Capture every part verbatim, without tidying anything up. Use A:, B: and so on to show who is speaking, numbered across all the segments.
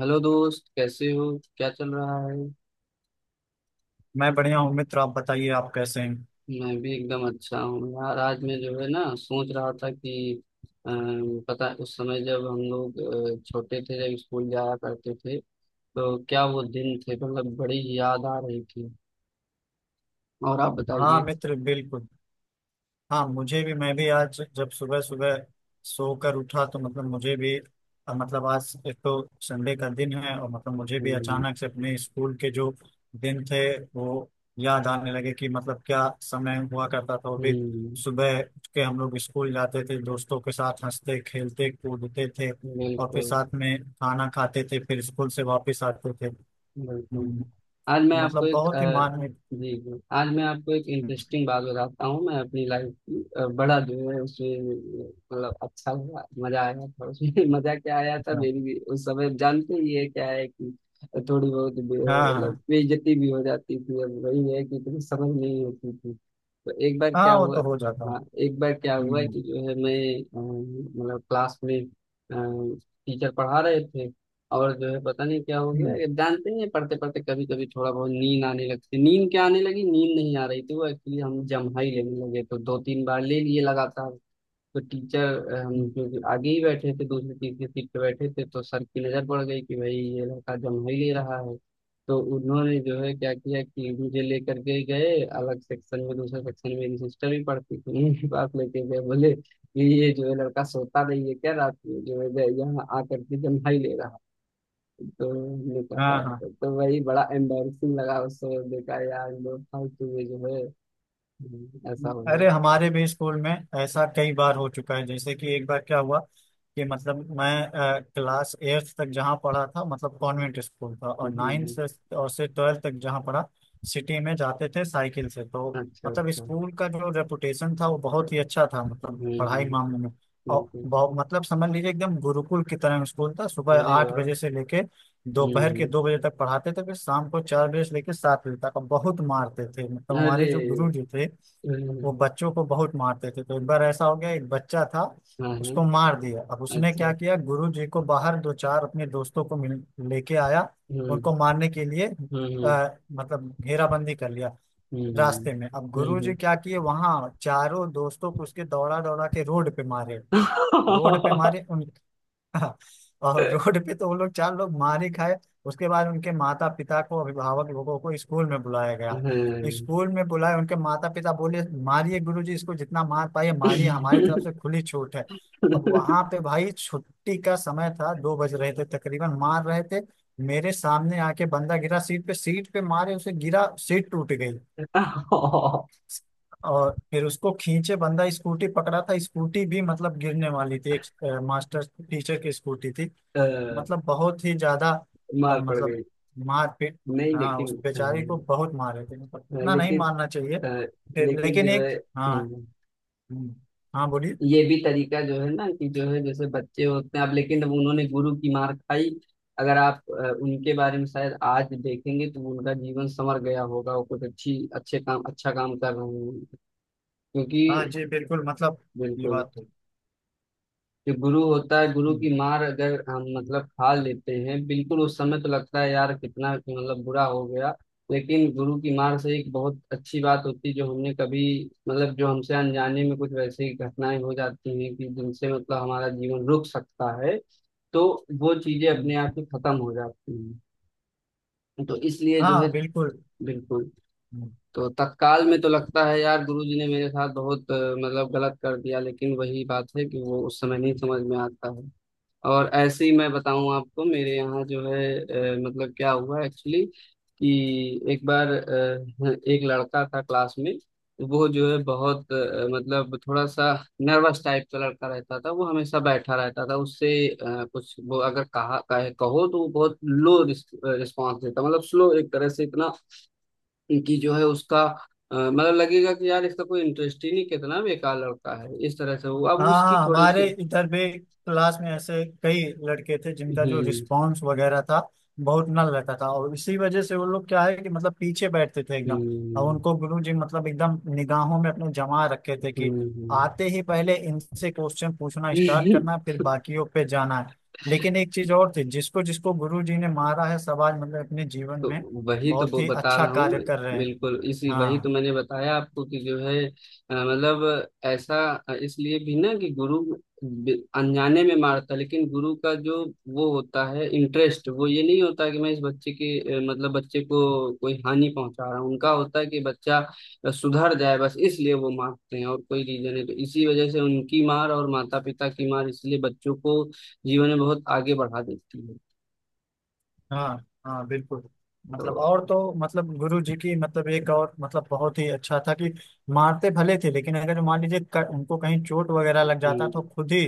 A: Hello दोस्त, कैसे हो? क्या चल रहा है?
B: मैं बढ़िया हूँ मित्र। आप बताइए, आप कैसे हैं।
A: मैं भी एकदम अच्छा हूँ यार। आज मैं जो है ना सोच रहा था कि, अ, पता है, उस समय जब हम लोग अ, छोटे थे, जब स्कूल जाया करते थे, तो क्या वो दिन थे। मतलब बड़ी याद आ रही थी। और आप
B: हाँ
A: बताइए।
B: मित्र, बिल्कुल। हाँ, मुझे भी, मैं भी आज जब सुबह सुबह सोकर उठा तो मतलब मुझे भी अ, मतलब आज एक तो संडे का दिन है, और मतलब मुझे भी
A: हम्म।
B: अचानक से अपने स्कूल के जो दिन थे वो याद आने लगे कि मतलब क्या समय हुआ करता था। वो भी
A: हम्म।
B: सुबह उठ के हम लोग स्कूल जाते थे, दोस्तों के साथ हंसते खेलते कूदते थे, और फिर
A: बिल्कुल।
B: साथ में खाना खाते थे, फिर स्कूल से वापस आते थे।
A: बिल्कुल।
B: हम्म,
A: आज मैं आपको
B: मतलब
A: एक
B: बहुत ही
A: अ,
B: माननीय।
A: जी जी, आज मैं आपको एक इंटरेस्टिंग बात बताता हूँ। मैं अपनी लाइफ की अ, बड़ा जो है उसमें मतलब अच्छा हुआ, मजा आया था उसमें। मजा क्या आया था।
B: हाँ
A: मेरी भी उस समय जानते ही है क्या है कि थोड़ी बहुत बे-
B: हाँ हाँ,
A: मतलब
B: हाँ।
A: बेइज्जती भी हो जाती थी। अब वही है कि इतनी समझ नहीं होती थी। तो एक बार क्या
B: हाँ, वो
A: हुआ।
B: तो हो जाता है।
A: हाँ, एक बार क्या हुआ
B: हम्म।
A: कि जो है मैं अम, मतलब क्लास में टीचर पढ़ा रहे थे, और जो है पता नहीं क्या हो गया,
B: हम्म।
A: ये जानते ही हैं पढ़ते पढ़ते कभी कभी थोड़ा बहुत नींद आने लगती। नींद क्या आने लगी, नींद नहीं आ रही थी, वो एक्चुअली हम जम्हाई लेने लगे, तो दो तीन बार ले लिए लगातार। तो टीचर, हम
B: हम्म,
A: क्योंकि आगे ही बैठे थे, दूसरी तीसरी सीट पे बैठे थे, तो सर की नजर पड़ गई कि भाई ये लड़का जम ही ले रहा है। तो उन्होंने जो है क्या किया कि मुझे लेकर के गए अलग सेक्शन में, दूसरे सेक्शन में मेरी सिस्टर भी पढ़ती थी उनके पास लेके गए, बोले कि ये जो है लड़का सोता नहीं है क्या रात में, जो है गए यहाँ आकर के जम्हा ही ले रहा है। तो हमने कहा,
B: हाँ, हाँ।
A: तो वही बड़ा एम्बेरसिंग लगा उस समय। देखा यार, लोग फालतू में जो है। हम्म, ऐसा हुआ।
B: अरे, हमारे भी स्कूल में ऐसा कई बार हो चुका है। जैसे कि एक बार क्या हुआ कि मतलब मैं अ, क्लास एट्थ तक जहाँ पढ़ा था मतलब कॉन्वेंट स्कूल था,
A: जी
B: और नाइन्थ
A: जी।
B: से और से ट्वेल्थ तक जहाँ पढ़ा सिटी में जाते थे साइकिल से। तो
A: अच्छा
B: मतलब
A: अच्छा।
B: स्कूल का जो रेपुटेशन था वो बहुत ही अच्छा था मतलब
A: हम्म।
B: पढ़ाई
A: हम्म।
B: मामले में। और
A: बिल्कुल।
B: बहुत मतलब समझ लीजिए एकदम गुरुकुल की तरह स्कूल था। सुबह
A: अरे
B: आठ
A: वाह!
B: बजे से लेके
A: हुँ,
B: दोपहर के
A: हुँ।
B: दो बजे तक पढ़ाते थे, फिर शाम को चार बजे से लेके सात बजे तक। और बहुत मारते थे मतलब
A: अरे!
B: हमारे जो गुरु जी थे
A: हुँ,
B: वो बच्चों को बहुत मारते थे। तो एक बार ऐसा हो गया, एक बच्चा था,
A: हाँ,
B: उसको
A: हाँ।
B: मार दिया। अब उसने
A: अच्छा।
B: क्या किया, गुरु जी को बाहर दो चार अपने दोस्तों को मिल लेके आया,
A: हुँ,
B: उनको मारने के लिए।
A: हुँ, हुँ,
B: आ, मतलब घेराबंदी कर लिया
A: हुँ, हुँ।
B: रास्ते में। अब
A: हुँ,
B: गुरु जी
A: हुँ।
B: क्या किए, वहां चारों दोस्तों को उसके दौड़ा दौड़ा के रोड पे मारे, रोड पे मारे उन हाँ, और रोड पे तो वो लोग चार लोग मार ही खाए। उसके बाद उनके माता पिता को, अभिभावक लोगों को, स्कूल में बुलाया गया।
A: हाँ।
B: स्कूल में बुलाए, उनके माता पिता बोले, मारिए गुरुजी इसको, जितना मार पाए मारिए, हमारी तरफ से खुली छूट है। अब वहां पे भाई छुट्टी का समय था, दो बज रहे थे तकरीबन, मार रहे थे। मेरे सामने आके बंदा गिरा, सीट पे, सीट पे मारे उसे, गिरा, सीट टूट गई। और फिर उसको खींचे, बंदा स्कूटी पकड़ा था, स्कूटी भी मतलब गिरने वाली थी, एक अ, मास्टर टीचर की स्कूटी थी।
A: अ,
B: मतलब बहुत ही ज्यादा अ,
A: मार पड़
B: मतलब
A: गई।
B: मार पीट।
A: नहीं
B: हाँ, उस
A: लेकिन।
B: बेचारी को
A: हाँ,
B: बहुत मारे थे, मतलब इतना नहीं
A: लेकिन
B: मारना चाहिए।
A: अ,
B: फिर
A: लेकिन
B: लेकिन
A: जो
B: एक,
A: है
B: हाँ,
A: हुँ।
B: हम्म, हाँ बोलिए।
A: ये भी तरीका जो है ना कि जो है जैसे बच्चे होते हैं, अब लेकिन अब उन्होंने गुरु की मार खाई। अगर आप अ, उनके बारे में शायद आज देखेंगे तो उनका जीवन संवर गया होगा, वो कुछ अच्छी अच्छे काम, अच्छा काम कर रहे हैं।
B: हाँ
A: क्योंकि।
B: जी बिल्कुल मतलब ये
A: बिल्कुल।
B: बात तो।
A: जो गुरु होता है, गुरु
B: हम्म,
A: की मार अगर हम मतलब खा लेते हैं, बिल्कुल उस समय तो लगता है यार कितना मतलब बुरा हो गया। लेकिन गुरु की मार से एक बहुत अच्छी बात होती है, जो हमने कभी मतलब जो हमसे अनजाने में कुछ वैसी घटनाएं हो जाती हैं कि जिनसे मतलब हमारा जीवन रुक सकता है, तो वो चीजें
B: हम्म,
A: अपने आप ही खत्म हो जाती हैं। तो इसलिए जो है,
B: हाँ बिल्कुल।
A: बिल्कुल। तो तत्काल में तो लगता है यार गुरुजी ने मेरे साथ बहुत अ, मतलब गलत कर दिया, लेकिन वही बात है कि वो उस समय नहीं समझ में आता है। और ऐसे ही मैं बताऊं आपको, मेरे यहाँ जो है अ, मतलब क्या हुआ एक्चुअली, कि एक बार अ, एक लड़का था क्लास में। वो जो है बहुत अ, मतलब थोड़ा सा नर्वस टाइप का लड़का रहता था। वो हमेशा बैठा रहता था, उससे अ, कुछ वो अगर कहा कहे कहो तो वो बहुत लो रिस्पॉन्स देता, मतलब स्लो एक तरह से इतना कि जो है उसका अ, मतलब लगेगा कि यार इसका कोई इंटरेस्ट ही नहीं, कितना बेकार लड़का है, इस तरह से वो अब उसकी
B: हाँ,
A: थोड़ी
B: हमारे
A: सी।
B: इधर भी क्लास में ऐसे कई लड़के थे जिनका जो
A: हम्म।
B: रिस्पांस वगैरह था बहुत नल रहता था, और इसी वजह से वो लोग क्या है कि मतलब पीछे बैठते थे एकदम। और
A: हम्म।
B: उनको गुरु जी मतलब एकदम निगाहों में अपने जमा रखे थे कि
A: हम्म।
B: आते
A: हम्म।
B: ही पहले इनसे क्वेश्चन पूछना स्टार्ट करना फिर बाकियों पे जाना है। लेकिन एक चीज और थी, जिसको जिसको गुरु जी ने मारा है, सब आज मतलब अपने जीवन में
A: तो वही तो
B: बहुत
A: वो
B: ही
A: बता
B: अच्छा
A: रहा हूँ
B: कार्य
A: मैं।
B: कर रहे हैं।
A: बिल्कुल इसी, वही तो
B: हाँ,
A: मैंने बताया आपको कि जो है अ, मतलब ऐसा अ, इसलिए भी ना कि गुरु बि- अनजाने में मारता, लेकिन गुरु का जो वो होता है इंटरेस्ट, वो ये नहीं होता कि मैं इस बच्चे के अ, मतलब बच्चे को कोई हानि पहुंचा रहा हूँ, उनका होता है कि बच्चा अ, सुधर जाए, बस इसलिए वो मारते हैं, और कोई रीजन है, तो इसी वजह से उनकी मार और माता पिता की मार इसलिए बच्चों को जीवन में बहुत आगे बढ़ा देती है।
B: हाँ, हाँ बिल्कुल मतलब।
A: तो
B: और तो मतलब गुरु जी की, मतलब एक और मतलब बहुत ही अच्छा था कि मारते भले थे, लेकिन अगर मान लीजिए क- उनको कहीं चोट वगैरह लग जाता तो
A: हम्म।
B: खुद ही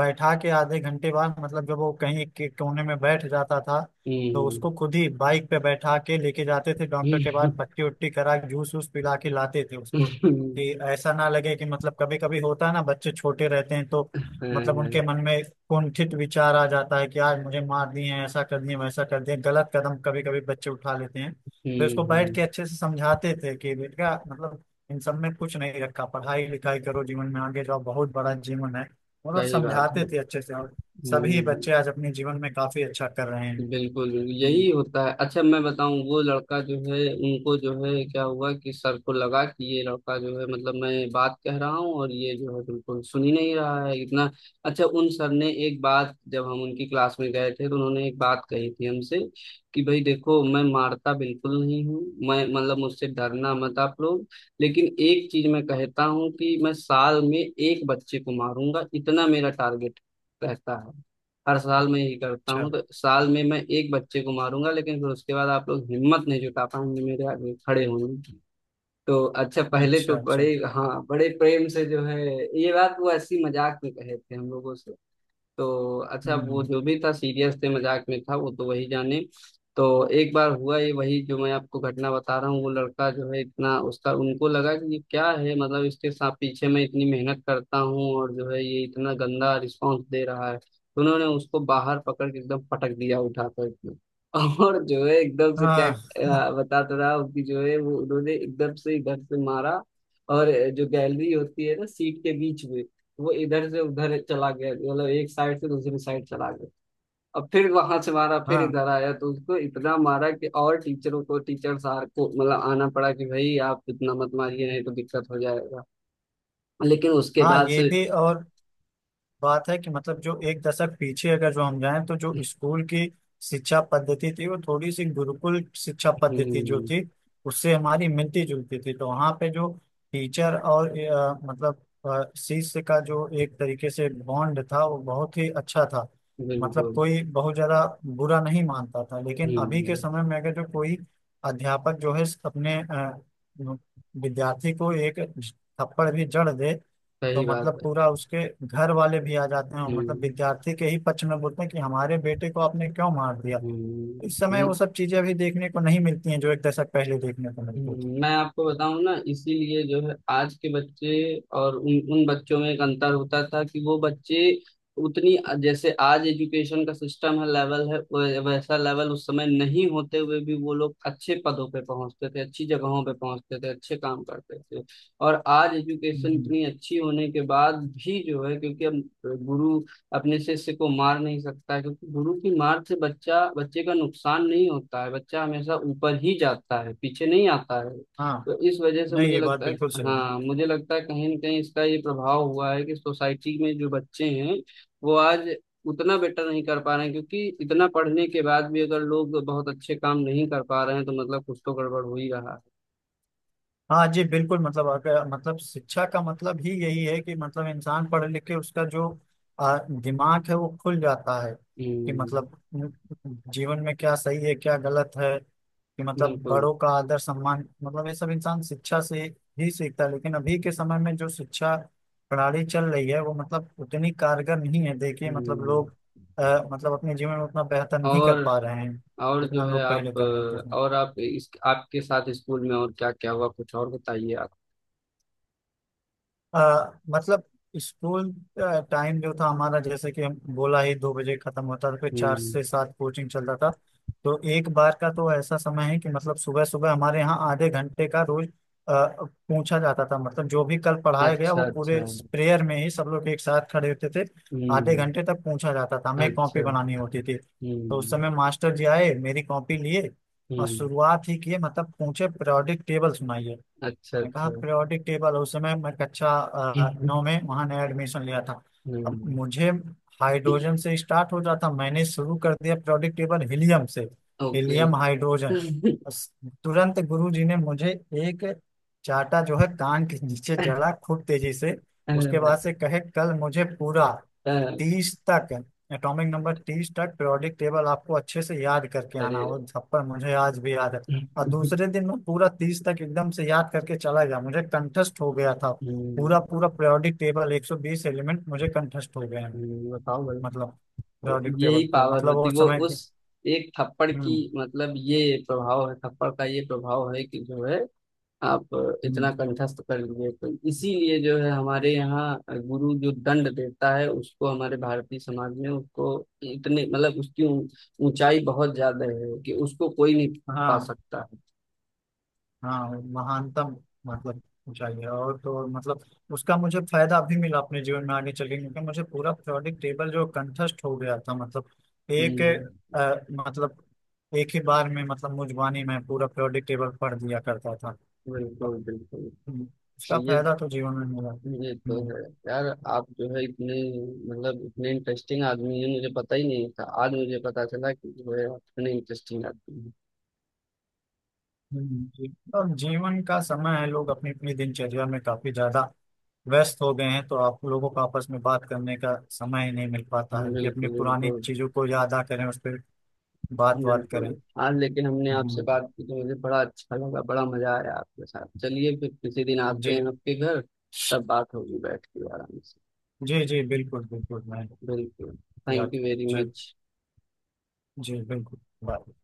B: बैठा के आधे घंटे बाद, मतलब जब वो कहीं एक एक कोने में बैठ जाता था, तो
A: हम्म।
B: उसको खुद ही बाइक पे बैठा के लेके जाते थे डॉक्टर के पास, पट्टी उट्टी करा के जूस वूस पिला के लाते थे उसको, कि
A: हम्म,
B: ऐसा ना लगे कि मतलब, कभी कभी होता है ना बच्चे छोटे रहते हैं तो
A: हाँ,
B: मतलब उनके
A: हाँ,
B: मन में कुंठित विचार आ जाता है कि आज मुझे मार दिए हैं, ऐसा कर दिए, वैसा कर दिए, गलत कदम कभी कभी बच्चे उठा लेते हैं। तो इसको बैठ के
A: हम्म,
B: अच्छे से समझाते थे कि बेटा मतलब इन सब में कुछ नहीं रखा, पढ़ाई लिखाई करो, जीवन में आगे जाओ, बहुत बड़ा जीवन है। मतलब
A: सही बात है।
B: समझाते थे अच्छे से, और सभी
A: हम्म।
B: बच्चे आज अपने जीवन में काफी अच्छा कर रहे हैं।
A: बिल्कुल बिल्कुल,
B: हम्म,
A: यही होता है। अच्छा मैं बताऊं, वो लड़का जो है उनको जो है क्या हुआ कि सर को लगा कि ये लड़का जो है मतलब मैं बात कह रहा हूँ और ये जो है बिल्कुल सुन ही नहीं रहा है इतना। अच्छा, उन सर ने एक बात, जब हम उनकी क्लास में गए थे तो उन्होंने एक बात कही थी हमसे, कि भाई देखो, मैं मारता बिल्कुल नहीं हूँ, मैं मतलब मुझसे डरना मत आप लोग। लेकिन एक चीज मैं कहता हूँ कि मैं साल में एक बच्चे को मारूंगा, इतना मेरा टारगेट रहता है। हर साल मैं ये करता
B: अच्छा,
A: हूँ, तो साल में मैं एक बच्चे को मारूंगा लेकिन फिर उसके बाद आप लोग हिम्मत नहीं जुटा पाएंगे मेरे आगे खड़े होंगे। तो अच्छा पहले
B: अच्छा,
A: तो
B: अच्छा।
A: बड़े, हाँ बड़े प्रेम से जो है, ये बात वो ऐसी मजाक में कहे थे हम लोगों से। तो अच्छा वो
B: हम्म,
A: जो भी था, सीरियस थे मजाक में था वो तो वही जाने। तो एक बार हुआ ये वही जो मैं आपको घटना बता रहा हूँ। वो लड़का जो है इतना उसका उनको लगा कि ये क्या है, मतलब इसके साथ पीछे मैं इतनी मेहनत करता हूँ और जो है ये इतना गंदा रिस्पॉन्स दे रहा है, तो उन्होंने उसको बाहर पकड़ के एकदम पटक दिया, उठाकर एकदम और जो है एकदम से क्या
B: हाँ
A: अ, बताता रहा उसकी जो है वो, उन्होंने एकदम से इधर से मारा। और जो गैलरी होती है ना सीट के बीच में, वो इधर से उधर चला गया, मतलब एक साइड से दूसरी साइड चला गया। अब फिर वहां से मारा फिर
B: हाँ।
A: इधर आया, तो उसको इतना मारा कि और टीचरों को, टीचर सार को मतलब आना पड़ा कि भाई आप इतना मत मारिए नहीं तो दिक्कत हो जाएगा। लेकिन उसके
B: हाँ,
A: बाद
B: ये
A: से,
B: भी और बात है कि मतलब जो एक दशक पीछे अगर जो हम जाएं तो जो स्कूल की शिक्षा पद्धति थी वो थोड़ी सी गुरुकुल शिक्षा पद्धति जो
A: हम्म।
B: थी उससे हमारी मिलती जुलती थी। तो वहाँ पे जो टीचर और अ, मतलब अ, शिष्य का जो एक तरीके से बॉन्ड था वो बहुत ही अच्छा था। मतलब
A: बिल्कुल।
B: कोई बहुत ज्यादा बुरा नहीं मानता था। लेकिन अभी के
A: हम्म।
B: समय में अगर जो कोई अध्यापक जो है अपने अ, विद्यार्थी को एक थप्पड़ भी जड़ दे तो
A: सही बात
B: मतलब
A: है।
B: पूरा उसके घर वाले भी आ जाते हैं, और मतलब
A: हम्म।
B: विद्यार्थी के ही पक्ष में बोलते हैं कि हमारे बेटे को आपने क्यों मार दिया। इस समय
A: हम्म।
B: वो सब चीजें अभी देखने को नहीं मिलती हैं जो एक दशक पहले देखने को मिलती थी।
A: हम्म, मैं आपको बताऊं ना, इसीलिए जो है आज के बच्चे और उन उन बच्चों में एक अंतर होता था कि वो बच्चे उतनी, जैसे आज एजुकेशन का सिस्टम है लेवल है वै- वैसा लेवल उस समय नहीं होते हुए भी वो लोग अच्छे पदों पे पहुंचते थे, अच्छी जगहों पे पहुंचते थे, अच्छे काम करते थे। और आज एजुकेशन
B: हम्म।
A: इतनी अच्छी होने के बाद भी जो है, क्योंकि अब गुरु अपने शिष्य को मार नहीं सकता है, क्योंकि गुरु की मार से बच्चा, बच्चे का नुकसान नहीं होता है, बच्चा हमेशा ऊपर ही जाता है, पीछे नहीं आता है।
B: हाँ।
A: तो इस वजह से
B: नहीं,
A: मुझे
B: ये बात
A: लगता है,
B: बिल्कुल सही है।
A: हाँ मुझे लगता है कहीं ना कहीं इसका ये प्रभाव हुआ है कि सोसाइटी में जो बच्चे हैं वो आज उतना बेटर नहीं कर पा रहे हैं, क्योंकि इतना पढ़ने के बाद भी अगर लोग बहुत अच्छे काम नहीं कर पा रहे हैं तो मतलब कुछ तो गड़बड़ हो ही रहा है।
B: हाँ जी बिल्कुल मतलब, अगर मतलब शिक्षा का मतलब ही यही है कि मतलब इंसान पढ़ लिख के उसका जो आ, दिमाग है वो खुल जाता है कि
A: हम्म।
B: मतलब उम, जीवन में क्या सही है क्या गलत है, कि मतलब
A: बिल्कुल।
B: बड़ों का आदर सम्मान, मतलब ये सब इंसान शिक्षा से ही सीखता है। लेकिन अभी के समय में जो शिक्षा प्रणाली चल रही है वो मतलब उतनी कारगर नहीं है। देखिए मतलब
A: हम्म।
B: लोग आ, मतलब अपने जीवन में उतना बेहतर नहीं कर
A: और
B: पा रहे हैं
A: और जो
B: जितना
A: है
B: लोग पहले
A: आप
B: कर लेते
A: अ,
B: थे।
A: और आप, इस आपके साथ स्कूल में और क्या क्या हुआ, कुछ और बताइए आप।
B: आ, मतलब स्कूल टाइम जो था हमारा, जैसे कि हम बोला ही, दो बजे खत्म होता था फिर चार
A: हम्म।
B: से सात कोचिंग चलता था। तो एक बार का तो ऐसा समय है कि मतलब सुबह सुबह हमारे यहाँ आधे घंटे का रोज आ, पूछा जाता था मतलब जो भी कल पढ़ाया गया
A: अच्छा
B: वो पूरे
A: अच्छा।
B: प्रेयर में ही सब लोग एक साथ खड़े होते थे। आधे
A: हम्म।
B: घंटे तक पूछा जाता था, हमें
A: अच्छा।
B: कॉपी बनानी होती थी। तो उस
A: हम्म।
B: समय मास्टर जी आए, मेरी कॉपी लिए, और
A: हम्म।
B: शुरुआत ही किए, मतलब पूछे, periodic टेबल सुनाइए।
A: अच्छा
B: मैंने कहा
A: अच्छा।
B: पीरियोडिक टेबल उस समय, मैं कक्षा अ, नौ में वहां नया एडमिशन लिया था। अब
A: हम्म।
B: मुझे हाइड्रोजन से स्टार्ट हो जाता, मैंने शुरू कर दिया पीरियोडिक टेबल हीलियम से।
A: ओके।
B: हीलियम,
A: अ,
B: हाइड्रोजन, बस। तुरंत गुरु जी ने मुझे एक चाटा जो है कान के नीचे जड़ा खूब तेजी से। उसके बाद से कहे कल मुझे पूरा
A: अ,
B: तीस तक, एटॉमिक नंबर तीस तक, पीरियोडिक टेबल आपको अच्छे से याद करके
A: अरे!
B: आना। वो थप्पड़ मुझे आज भी याद है। और
A: हम्म,
B: दूसरे दिन मैं पूरा तीस तक एकदम से याद करके चला गया, मुझे कंठस्थ हो गया था। पूरा पूरा पीरियोडिक टेबल एक सौ बीस एलिमेंट मुझे कंठस्थ हो गए हैं।
A: हम्म, बताओ भाई।
B: मतलब
A: तो
B: पीरियोडिक टेबल
A: यही
B: तो
A: पावर
B: मतलब
A: होती
B: वो
A: है। वो
B: समय के।
A: उस एक थप्पड़ की,
B: हम्म।
A: मतलब ये प्रभाव है, थप्पड़ का ये प्रभाव है कि जो है आप इतना
B: हम्म।
A: कंठस्थ कर लिए। तो इसीलिए जो है हमारे यहाँ गुरु जो दंड देता है, उसको हमारे भारतीय समाज में उसको इतने मतलब उसकी ऊं- ऊंचाई बहुत ज्यादा है कि उसको कोई नहीं पा
B: हाँ।
A: सकता है।
B: हाँ, वो महानतम मतलब ऊंचाई है। और तो और मतलब उसका मुझे फायदा अभी मिला अपने जीवन में आगे चल के, क्योंकि मुझे पूरा पीरियोडिक टेबल जो कंठस्थ हो गया था, मतलब एक
A: हम्म,
B: अ, मतलब एक ही बार में मतलब मुझ वाणी में पूरा पीरियोडिक टेबल पढ़ दिया करता था।
A: बिल्कुल बिल्कुल।
B: हम्म,
A: तो
B: इसका
A: ये
B: फायदा तो जीवन में मिला है।
A: ये तो
B: हम्म,
A: है यार, आप जो है इतने मतलब इतने इंटरेस्टिंग आदमी हैं, मुझे पता ही नहीं था, आज मुझे पता चला कि जो है आप इतने इंटरेस्टिंग आदमी
B: हम्म, जी। और जीवन का समय है, लोग अपनी अपनी दिनचर्या में काफी ज्यादा व्यस्त हो गए हैं तो आप लोगों को आपस में बात करने का समय ही नहीं मिल पाता
A: हैं।
B: है कि अपनी
A: बिल्कुल
B: पुरानी
A: बिल्कुल।
B: चीजों को याद आ करें, उस पर बात बात करें।
A: बिल्कुल। आज लेकिन हमने आपसे
B: हम्म,
A: बात की तो मुझे बड़ा अच्छा लगा, बड़ा मजा आया आपके साथ। चलिए फिर किसी दिन आते हैं
B: जी।
A: आपके घर, तब बात होगी बैठ के आराम से।
B: जी जी बिल्कुल, बिल्कुल। मैं
A: बिल्कुल। थैंक
B: याद।
A: यू वेरी
B: जी।
A: मच।
B: जी बिल्कुल। बाय।